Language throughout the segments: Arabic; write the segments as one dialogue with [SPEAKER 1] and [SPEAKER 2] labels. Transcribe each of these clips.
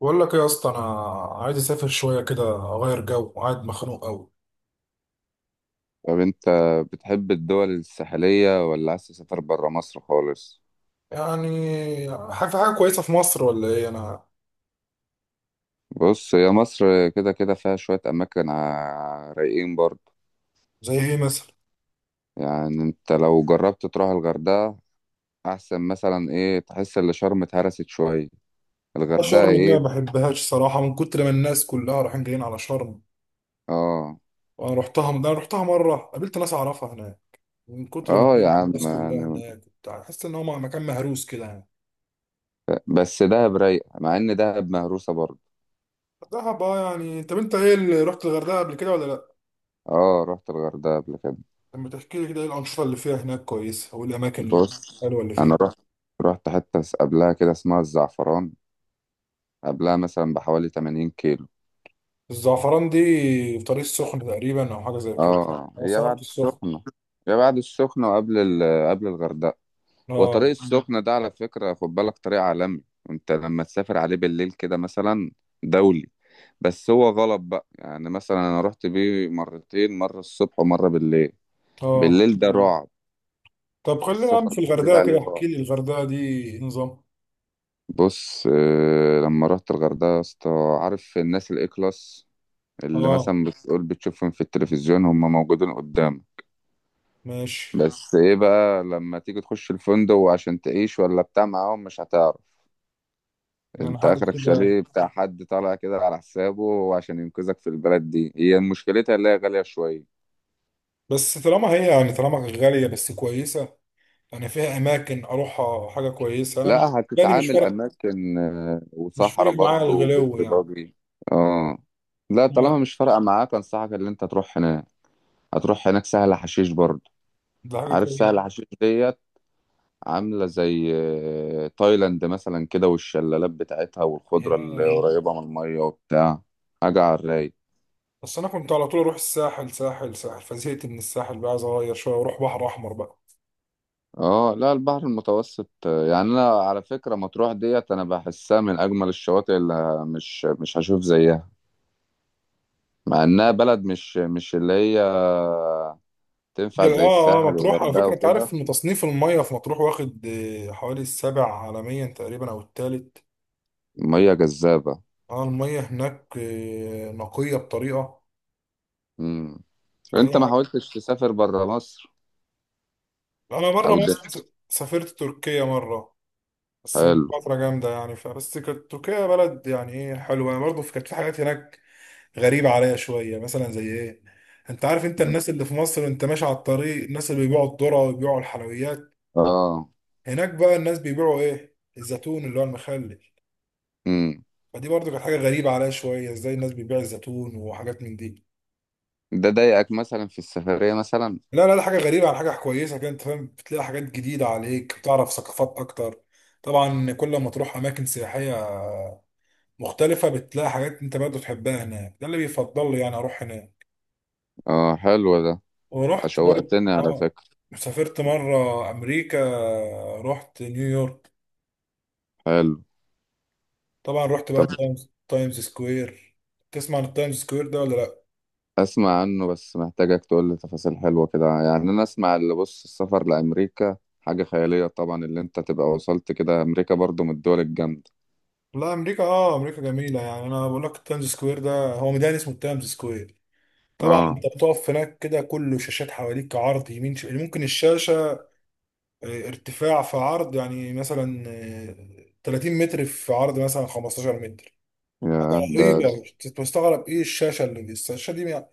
[SPEAKER 1] بقول لك ايه يا اسطى. انا عايز اسافر شويه كده اغير جو وقاعد مخنوق قوي.
[SPEAKER 2] طب انت بتحب الدول الساحلية ولا عايز تسافر برا مصر خالص؟
[SPEAKER 1] يعني حاجه في حاجه كويسه في مصر ولا ايه انا؟
[SPEAKER 2] بص، هي مصر كده كده فيها شوية أماكن رايقين برضه.
[SPEAKER 1] زي ايه مثلا؟
[SPEAKER 2] يعني انت لو جربت تروح الغردقة أحسن مثلا، ايه؟ تحس إن شرم اتهرست شوية.
[SPEAKER 1] لا،
[SPEAKER 2] الغردقة
[SPEAKER 1] شرم دي ما
[SPEAKER 2] ايه.
[SPEAKER 1] بحبهاش صراحه، من كتر ما الناس كلها رايحين جايين على شرم،
[SPEAKER 2] اه.
[SPEAKER 1] وانا رحتها. انا رحتها مره، قابلت ناس اعرفها هناك، من كتر ما
[SPEAKER 2] اه
[SPEAKER 1] في
[SPEAKER 2] يا عم،
[SPEAKER 1] الناس كلها
[SPEAKER 2] يعني
[SPEAKER 1] هناك وبتاع، حاسس ان هو مكان مهروس كده يعني.
[SPEAKER 2] بس دهب رايقة مع إن دهب مهروسة برضه.
[SPEAKER 1] دهب، اه يعني. طب انت ايه، اللي رحت الغردقه قبل كده ولا لا؟
[SPEAKER 2] اه، رحت الغردقة قبل كده.
[SPEAKER 1] لما تحكي لي كده، ايه الانشطه اللي فيها هناك كويسه والاماكن
[SPEAKER 2] بص،
[SPEAKER 1] الحلوه اللي
[SPEAKER 2] أنا
[SPEAKER 1] فيها؟
[SPEAKER 2] رحت حتة قبلها كده اسمها الزعفران. قبلها مثلا بحوالي 80 كيلو.
[SPEAKER 1] الزعفران دي في طريق السخن تقريبا او حاجه زي كده؟
[SPEAKER 2] اه. اه،
[SPEAKER 1] انا
[SPEAKER 2] هي
[SPEAKER 1] صرفت
[SPEAKER 2] بعد
[SPEAKER 1] السخن.
[SPEAKER 2] السخنة. هي بعد السخنة وقبل قبل الغردقة. وطريق
[SPEAKER 1] اه،
[SPEAKER 2] السخنة ده على فكرة، خد بالك، طريق عالمي، وانت لما تسافر عليه بالليل كده مثلا. دولي. بس هو غلط بقى، يعني مثلا انا رحت بيه مرتين، مرة الصبح ومرة بالليل.
[SPEAKER 1] اه.
[SPEAKER 2] بالليل ده رعب.
[SPEAKER 1] طب خلينا يا عم
[SPEAKER 2] السفر
[SPEAKER 1] في
[SPEAKER 2] بالليل
[SPEAKER 1] الغردقه
[SPEAKER 2] عليه
[SPEAKER 1] كده، احكي
[SPEAKER 2] رعب.
[SPEAKER 1] لي الغردقه دي إيه نظام؟
[SPEAKER 2] بص، لما رحت الغردقة يا اسطى، عارف الناس الاي كلاس اللي
[SPEAKER 1] اه،
[SPEAKER 2] مثلا بتقول بتشوفهم في التلفزيون، هم موجودين قدامك.
[SPEAKER 1] ماشي.
[SPEAKER 2] بس ايه بقى، لما تيجي تخش الفندق وعشان تعيش ولا بتاع معاهم، مش هتعرف.
[SPEAKER 1] يعني
[SPEAKER 2] انت
[SPEAKER 1] حاجه
[SPEAKER 2] اخرك
[SPEAKER 1] كده.
[SPEAKER 2] شاليه بتاع حد طالع كده على حسابه، وعشان ينقذك في البلد دي، هي مشكلتها اللي هي غالية شوية.
[SPEAKER 1] بس طالما هي يعني طالما غاليه بس كويسه، يعني فيها اماكن اروحها، حاجه كويسه انا.
[SPEAKER 2] لا،
[SPEAKER 1] بالي مش
[SPEAKER 2] هتتعامل
[SPEAKER 1] فارق،
[SPEAKER 2] اماكن،
[SPEAKER 1] مش
[SPEAKER 2] وصحراء
[SPEAKER 1] فارق معايا
[SPEAKER 2] برضه وبيت
[SPEAKER 1] الغلو يعني.
[SPEAKER 2] باجي. اه. لا،
[SPEAKER 1] لا.
[SPEAKER 2] طالما مش فارقة معاك، انصحك ان انت تروح هناك. هتروح هناك سهل حشيش برضه.
[SPEAKER 1] ده حاجه
[SPEAKER 2] عارف
[SPEAKER 1] كويسه.
[SPEAKER 2] سهل حشيش ديت. عاملة زي تايلاند مثلا كده، والشلالات بتاعتها والخضرة اللي
[SPEAKER 1] ياه.
[SPEAKER 2] قريبة من المية وبتاع. حاجة على الرايق.
[SPEAKER 1] بس انا كنت على طول اروح الساحل، ساحل ساحل، فزهقت من الساحل بقى، عايز اغير شويه واروح بحر احمر بقى.
[SPEAKER 2] اه لا، البحر المتوسط، يعني انا على فكرة مطروح ديت، انا بحسها من اجمل الشواطئ اللي مش هشوف زيها، مع انها بلد مش اللي هي تنفع
[SPEAKER 1] هي،
[SPEAKER 2] زي
[SPEAKER 1] اه اه،
[SPEAKER 2] الساحل
[SPEAKER 1] مطروح على
[SPEAKER 2] والغردقة
[SPEAKER 1] فكرة، انت عارف
[SPEAKER 2] وكده.
[SPEAKER 1] ان تصنيف المية في مطروح واخد حوالي السابع عالميا تقريبا او الثالث.
[SPEAKER 2] مية جذابة.
[SPEAKER 1] اه، المية هناك نقية بطريقة،
[SPEAKER 2] مم. انت
[SPEAKER 1] فهي
[SPEAKER 2] ما
[SPEAKER 1] حاجة.
[SPEAKER 2] حاولتش تسافر برا مصر؟
[SPEAKER 1] انا بره
[SPEAKER 2] او ده
[SPEAKER 1] مصر سافرت تركيا مرة، بس من
[SPEAKER 2] حلو.
[SPEAKER 1] فترة جامدة يعني. فبس كانت تركيا بلد يعني ايه، حلوة يعني، برضه كانت في حاجات هناك غريبة عليا شوية. مثلا زي ايه؟ انت عارف انت، الناس اللي في مصر انت ماشي على الطريق الناس اللي بيبيعوا الذرة ويبيعوا الحلويات،
[SPEAKER 2] اه.
[SPEAKER 1] هناك بقى الناس بيبيعوا ايه، الزيتون اللي هو المخلل.
[SPEAKER 2] مم.
[SPEAKER 1] فدي برضو كانت حاجه غريبه عليا شويه، ازاي الناس بتبيع الزيتون وحاجات من دي.
[SPEAKER 2] ده ضايقك مثلا في السفرية مثلا؟
[SPEAKER 1] لا لا لا، حاجه غريبه على حاجه كويسه كده، انت فاهم، بتلاقي حاجات جديده عليك، بتعرف ثقافات اكتر. طبعا كل ما تروح اماكن سياحيه مختلفه، بتلاقي حاجات انت برضو تحبها هناك، ده اللي بيفضل لي يعني اروح هناك.
[SPEAKER 2] اه حلو ده.
[SPEAKER 1] ورحت برضو
[SPEAKER 2] شوقتني على
[SPEAKER 1] اه،
[SPEAKER 2] فكرة.
[SPEAKER 1] سافرت مره امريكا، رحت نيويورك.
[SPEAKER 2] حلو.
[SPEAKER 1] طبعا رحت
[SPEAKER 2] طب
[SPEAKER 1] بقى تايمز سكوير. تسمع عن التايمز سكوير ده ولا لا؟
[SPEAKER 2] اسمع عنه، بس محتاجك تقول لي تفاصيل حلوة كده، يعني انا اسمع اللي بص، السفر لأمريكا حاجة خيالية طبعا، اللي انت تبقى وصلت كده امريكا برضو من الدول الجامدة.
[SPEAKER 1] لا امريكا اه، امريكا جميله يعني. انا بقول لك، التايمز سكوير ده هو ميدان اسمه التايمز سكوير. طبعا
[SPEAKER 2] اه.
[SPEAKER 1] انت بتقف هناك كده كله شاشات حواليك، عرض يمين ممكن الشاشه ارتفاع في عرض يعني مثلا 30 متر في عرض مثلا 15 متر. حاجه
[SPEAKER 2] يا ده.
[SPEAKER 1] رهيبه، تستغرب ايه الشاشه اللي دي، الشاشه دي. يعني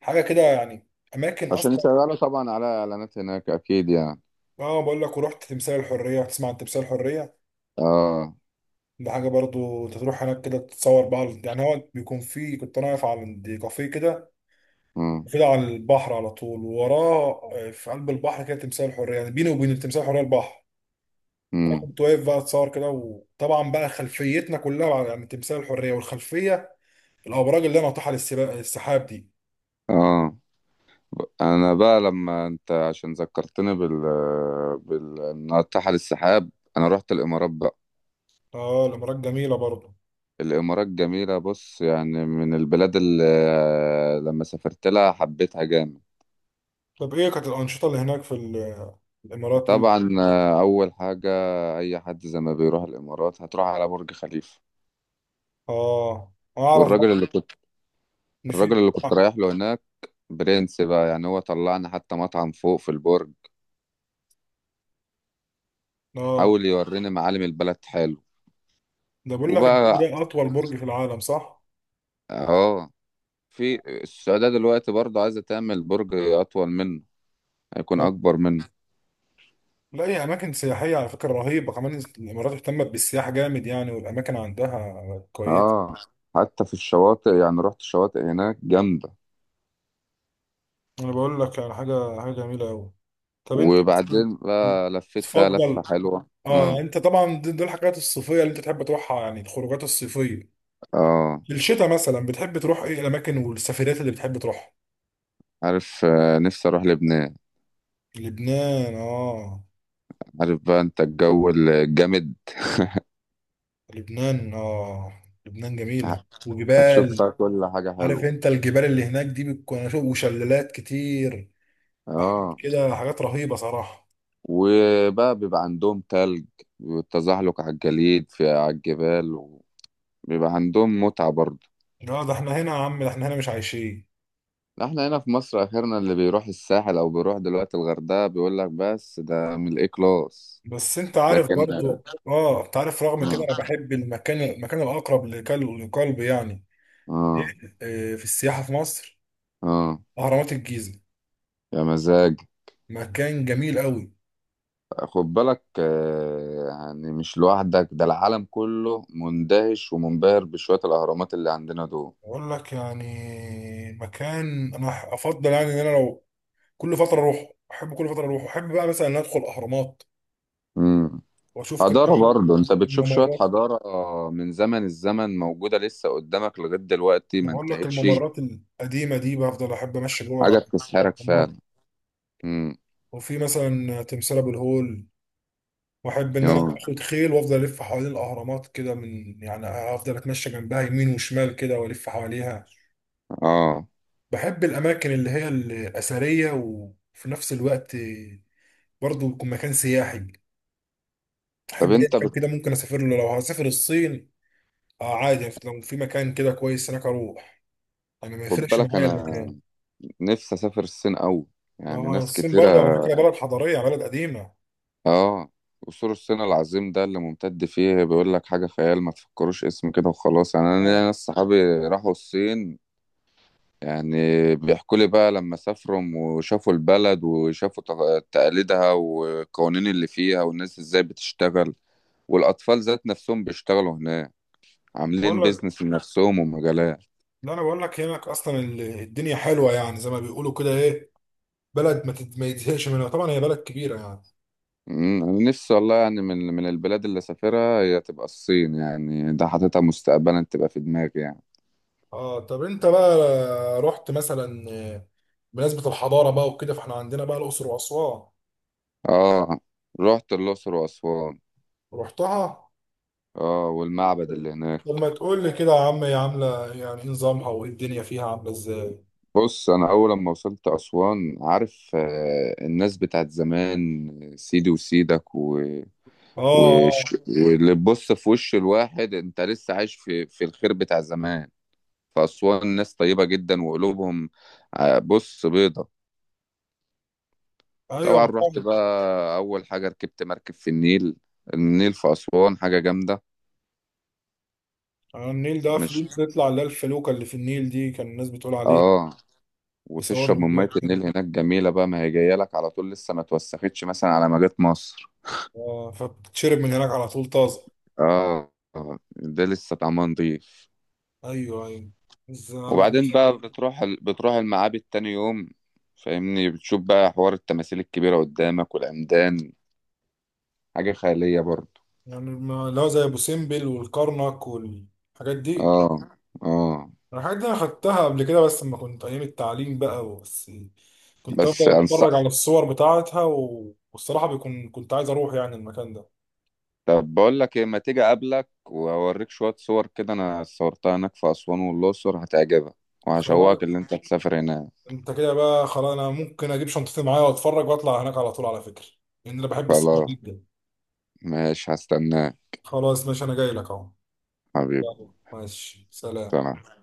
[SPEAKER 1] حاجه كده يعني، اماكن
[SPEAKER 2] عشان
[SPEAKER 1] اصلا.
[SPEAKER 2] يشغلوا طبعا على اعلانات هناك اكيد يعني.
[SPEAKER 1] اه بقول لك، ورحت تمثال الحريه. تسمع عن تمثال الحريه؟
[SPEAKER 2] اه.
[SPEAKER 1] ده حاجه برضو انت تروح هناك كده تتصور بقى يعني. هو بيكون فيه، كنت انا واقف عند كافيه كده،
[SPEAKER 2] امم.
[SPEAKER 1] المفروض على البحر على طول، ووراه في قلب البحر كده تمثال الحريه، يعني بيني وبين تمثال الحريه البحر. انا
[SPEAKER 2] امم.
[SPEAKER 1] كنت واقف بقى اتصور كده، وطبعا بقى خلفيتنا كلها يعني تمثال الحريه، والخلفيه الابراج اللي انا ناطحه السحاب دي.
[SPEAKER 2] اه. انا بقى لما انت عشان ذكرتني بال إنها تحت السحاب. انا رحت الامارات بقى.
[SPEAKER 1] اه الامارات جميله برضه.
[SPEAKER 2] الإمارات جميلة. بص يعني من البلاد اللي لما سافرت لها حبيتها جامد.
[SPEAKER 1] طب ايه كانت الانشطه اللي هناك في الامارات قول؟
[SPEAKER 2] طبعا أول حاجة، أي حد زي ما بيروح الإمارات هتروح على برج خليفة.
[SPEAKER 1] اه اعرف برضه
[SPEAKER 2] والراجل اللي كنت،
[SPEAKER 1] ان في
[SPEAKER 2] الراجل اللي كنت رايح له هناك، برنس بقى، يعني هو طلعنا حتى مطعم فوق في البرج.
[SPEAKER 1] اه.
[SPEAKER 2] حاول يوريني معالم البلد، حلو.
[SPEAKER 1] ده بقول لك، البرج
[SPEAKER 2] وبقى.
[SPEAKER 1] ده اطول برج في العالم صح؟
[SPEAKER 2] اه. في السعودية دلوقتي برضه عايزة تعمل برج أطول منه. هيكون أكبر منه.
[SPEAKER 1] لا هي اماكن سياحيه على فكره رهيبه، كمان الامارات اهتمت بالسياحه جامد يعني، والاماكن عندها كويسه.
[SPEAKER 2] اه. حتى في الشواطئ، يعني رحت الشواطئ هناك جامدة.
[SPEAKER 1] انا بقول لك على حاجه، حاجه جميله قوي. طب انت مثلا
[SPEAKER 2] وبعدين بقى لفيت فيها لفة
[SPEAKER 1] بتفضل؟
[SPEAKER 2] حلوة.
[SPEAKER 1] اه يعني
[SPEAKER 2] اه.
[SPEAKER 1] انت طبعا دي الحاجات الصيفيه اللي انت تحب تروحها يعني، الخروجات الصيفيه.
[SPEAKER 2] اه،
[SPEAKER 1] في الشتاء مثلا بتحب تروح ايه الاماكن والسفريات اللي بتحب تروحها؟
[SPEAKER 2] عارف، نفسي اروح لبنان.
[SPEAKER 1] لبنان اه،
[SPEAKER 2] عارف بقى انت الجو الجامد.
[SPEAKER 1] لبنان اه، لبنان جميله
[SPEAKER 2] ه- هتشوف
[SPEAKER 1] وجبال.
[SPEAKER 2] فيها كل حاجة
[SPEAKER 1] عارف
[SPEAKER 2] حلوة.
[SPEAKER 1] انت الجبال اللي هناك دي بتكون، أنا شوف، وشلالات كتير وحاجات
[SPEAKER 2] اه.
[SPEAKER 1] كده، حاجات رهيبه صراحه.
[SPEAKER 2] وبقى بيبقى عندهم تلج، والتزحلق على الجليد في على الجبال، وبيبقى عندهم متعة برضه.
[SPEAKER 1] اه ده احنا هنا يا عم، ده احنا هنا مش عايشين.
[SPEAKER 2] احنا هنا في مصر اخرنا اللي بيروح الساحل او بيروح دلوقتي الغردقة، بيقول لك بس ده من الاي كلاس.
[SPEAKER 1] بس انت عارف
[SPEAKER 2] لكن.
[SPEAKER 1] برضو اه، انت عارف رغم كده
[SPEAKER 2] اه.
[SPEAKER 1] انا بحب المكان، المكان الاقرب لقلبي يعني.
[SPEAKER 2] اه،
[SPEAKER 1] إيه، في السياحه في مصر
[SPEAKER 2] آه.
[SPEAKER 1] اهرامات الجيزه،
[SPEAKER 2] يا مزاج.
[SPEAKER 1] مكان جميل قوي.
[SPEAKER 2] خد بالك يعني مش لوحدك، ده العالم كله مندهش ومنبهر بشوية الأهرامات اللي عندنا دول.
[SPEAKER 1] اقول لك يعني، مكان انا افضل يعني، ان انا لو كل فتره اروح احب، كل فتره اروح احب بقى مثلا ان ادخل اهرامات
[SPEAKER 2] مم.
[SPEAKER 1] واشوف كده
[SPEAKER 2] حضارة برضه، أنت بتشوف شوية
[SPEAKER 1] الممرات.
[SPEAKER 2] حضارة من زمن الزمن موجودة لسه قدامك لغاية دلوقتي
[SPEAKER 1] أنا
[SPEAKER 2] ما
[SPEAKER 1] بقول لك،
[SPEAKER 2] انتهتش.
[SPEAKER 1] الممرات القديمه دي بفضل احب امشي
[SPEAKER 2] حاجة
[SPEAKER 1] جوه
[SPEAKER 2] بتسحرك
[SPEAKER 1] الاهرامات.
[SPEAKER 2] فعلا. مم.
[SPEAKER 1] وفي مثلا تمثال ابو الهول، واحب ان انا
[SPEAKER 2] يوه.
[SPEAKER 1] اخد خيل وافضل الف حوالين الاهرامات كده، من يعني افضل اتمشى جنبها يمين وشمال كده والف حواليها.
[SPEAKER 2] آه.
[SPEAKER 1] بحب الاماكن اللي هي الاثريه وفي نفس الوقت برضه يكون مكان سياحي.
[SPEAKER 2] طب
[SPEAKER 1] احب اي
[SPEAKER 2] أنت
[SPEAKER 1] مكان كده ممكن اسافر له، لو هسافر الصين اه عادي يعني، لو في مكان كده كويس هناك اروح، يعني ما
[SPEAKER 2] خد
[SPEAKER 1] يفرقش
[SPEAKER 2] بالك،
[SPEAKER 1] معايا
[SPEAKER 2] أنا
[SPEAKER 1] المكان.
[SPEAKER 2] نفسي أسافر الصين أوي. يعني
[SPEAKER 1] اه
[SPEAKER 2] ناس
[SPEAKER 1] الصين برضه على
[SPEAKER 2] كتيرة.
[SPEAKER 1] فكره بلد حضاريه، بلد قديمه.
[SPEAKER 2] اه. قصور الصين العظيم ده اللي ممتد فيه، بيقول لك حاجة خيال. ما تفكروش اسم كده وخلاص. يعني انا ليا
[SPEAKER 1] آه،
[SPEAKER 2] ناس صحابي راحوا الصين. يعني بيحكوا لي بقى لما سافروا وشافوا البلد وشافوا تقاليدها، والقوانين اللي فيها، والناس ازاي بتشتغل، والاطفال ذات نفسهم بيشتغلوا هناك
[SPEAKER 1] بقول
[SPEAKER 2] عاملين
[SPEAKER 1] لك،
[SPEAKER 2] بيزنس لنفسهم ومجالات.
[SPEAKER 1] لا انا بقول لك هناك اصلا الدنيا حلوه يعني، زي ما بيقولوا كده ايه، بلد ما يتزهقش منها، طبعا هي بلد كبيرة يعني.
[SPEAKER 2] انا نفسي والله، يعني من البلاد اللي سافرها هي تبقى الصين، يعني ده حاططها مستقبلا تبقى في دماغي يعني.
[SPEAKER 1] اه طب انت بقى رحت مثلا بمناسبة الحضارة بقى وكده، فاحنا عندنا بقى الأقصر وأسوان؟
[SPEAKER 2] اه، رحت الأقصر وأسوان.
[SPEAKER 1] رحتها.
[SPEAKER 2] اه، والمعبد اللي
[SPEAKER 1] طب
[SPEAKER 2] هناك.
[SPEAKER 1] ما تقول لي كده يا عم، هي عاملة يعني ايه نظامها، وايه الدنيا فيها عاملة ازاي؟
[SPEAKER 2] بص، أنا أول ما وصلت أسوان عارف، الناس بتاعت زمان سيدي وسيدك
[SPEAKER 1] اه،
[SPEAKER 2] واللي تبص في وش الواحد، أنت لسه عايش في الخير بتاع زمان. فأسوان ناس طيبة جدا وقلوبهم، بص، بيضة.
[SPEAKER 1] اه، ايوه
[SPEAKER 2] طبعا رحت
[SPEAKER 1] محافظ.
[SPEAKER 2] بقى أول حاجة، ركبت مركب في النيل. النيل في أسوان حاجة جامدة.
[SPEAKER 1] على النيل ده في
[SPEAKER 2] مش.
[SPEAKER 1] بيطلع اللي هي الفلوكة اللي في النيل دي، كان الناس بتقول عليه
[SPEAKER 2] اه.
[SPEAKER 1] يصوروا
[SPEAKER 2] وتشرب من ميه
[SPEAKER 1] فيديوهات كده.
[SPEAKER 2] النيل هناك جميله بقى، ما هي جايه لك على طول لسه ما توسختش مثلا على ما جت مصر.
[SPEAKER 1] اه، فبتشرب من هناك على طول طازة.
[SPEAKER 2] اه، ده لسه طعمها نضيف.
[SPEAKER 1] ايوه ايوه، ازاي انا ما
[SPEAKER 2] وبعدين
[SPEAKER 1] كنتش،
[SPEAKER 2] بقى بتروح بتروح المعابد تاني يوم. فاهمني، بتشوف بقى حوار التماثيل الكبيره قدامك والعمدان. حاجه خياليه برضه.
[SPEAKER 1] يعني ما لا زي ابو سمبل والكرنك والحاجات دي.
[SPEAKER 2] اه. اه.
[SPEAKER 1] الحاجات دي انا خدتها قبل كده، بس لما كنت ايام التعليم بقى، بس كنت
[SPEAKER 2] بس
[SPEAKER 1] افضل
[SPEAKER 2] انصح،
[SPEAKER 1] اتفرج على الصور بتاعتها والصراحه بيكون كنت عايز اروح يعني المكان ده.
[SPEAKER 2] طب بقول لك ايه، ما تيجي اقابلك واوريك شويه صور كده انا صورتها هناك في اسوان والاقصر، هتعجبك
[SPEAKER 1] خلاص،
[SPEAKER 2] وهشوقك اللي انت تسافر هناك.
[SPEAKER 1] انت كده بقى خلاص، انا ممكن اجيب شنطتي معايا واتفرج واطلع هناك على طول على فكره، لان انا بحب السفر
[SPEAKER 2] خلاص،
[SPEAKER 1] جدا.
[SPEAKER 2] ماشي، هستناك.
[SPEAKER 1] خلاص ماشي، انا جاي لك اهو.
[SPEAKER 2] حبيبي.
[SPEAKER 1] يلا، ماشي، سلام.
[SPEAKER 2] سنة.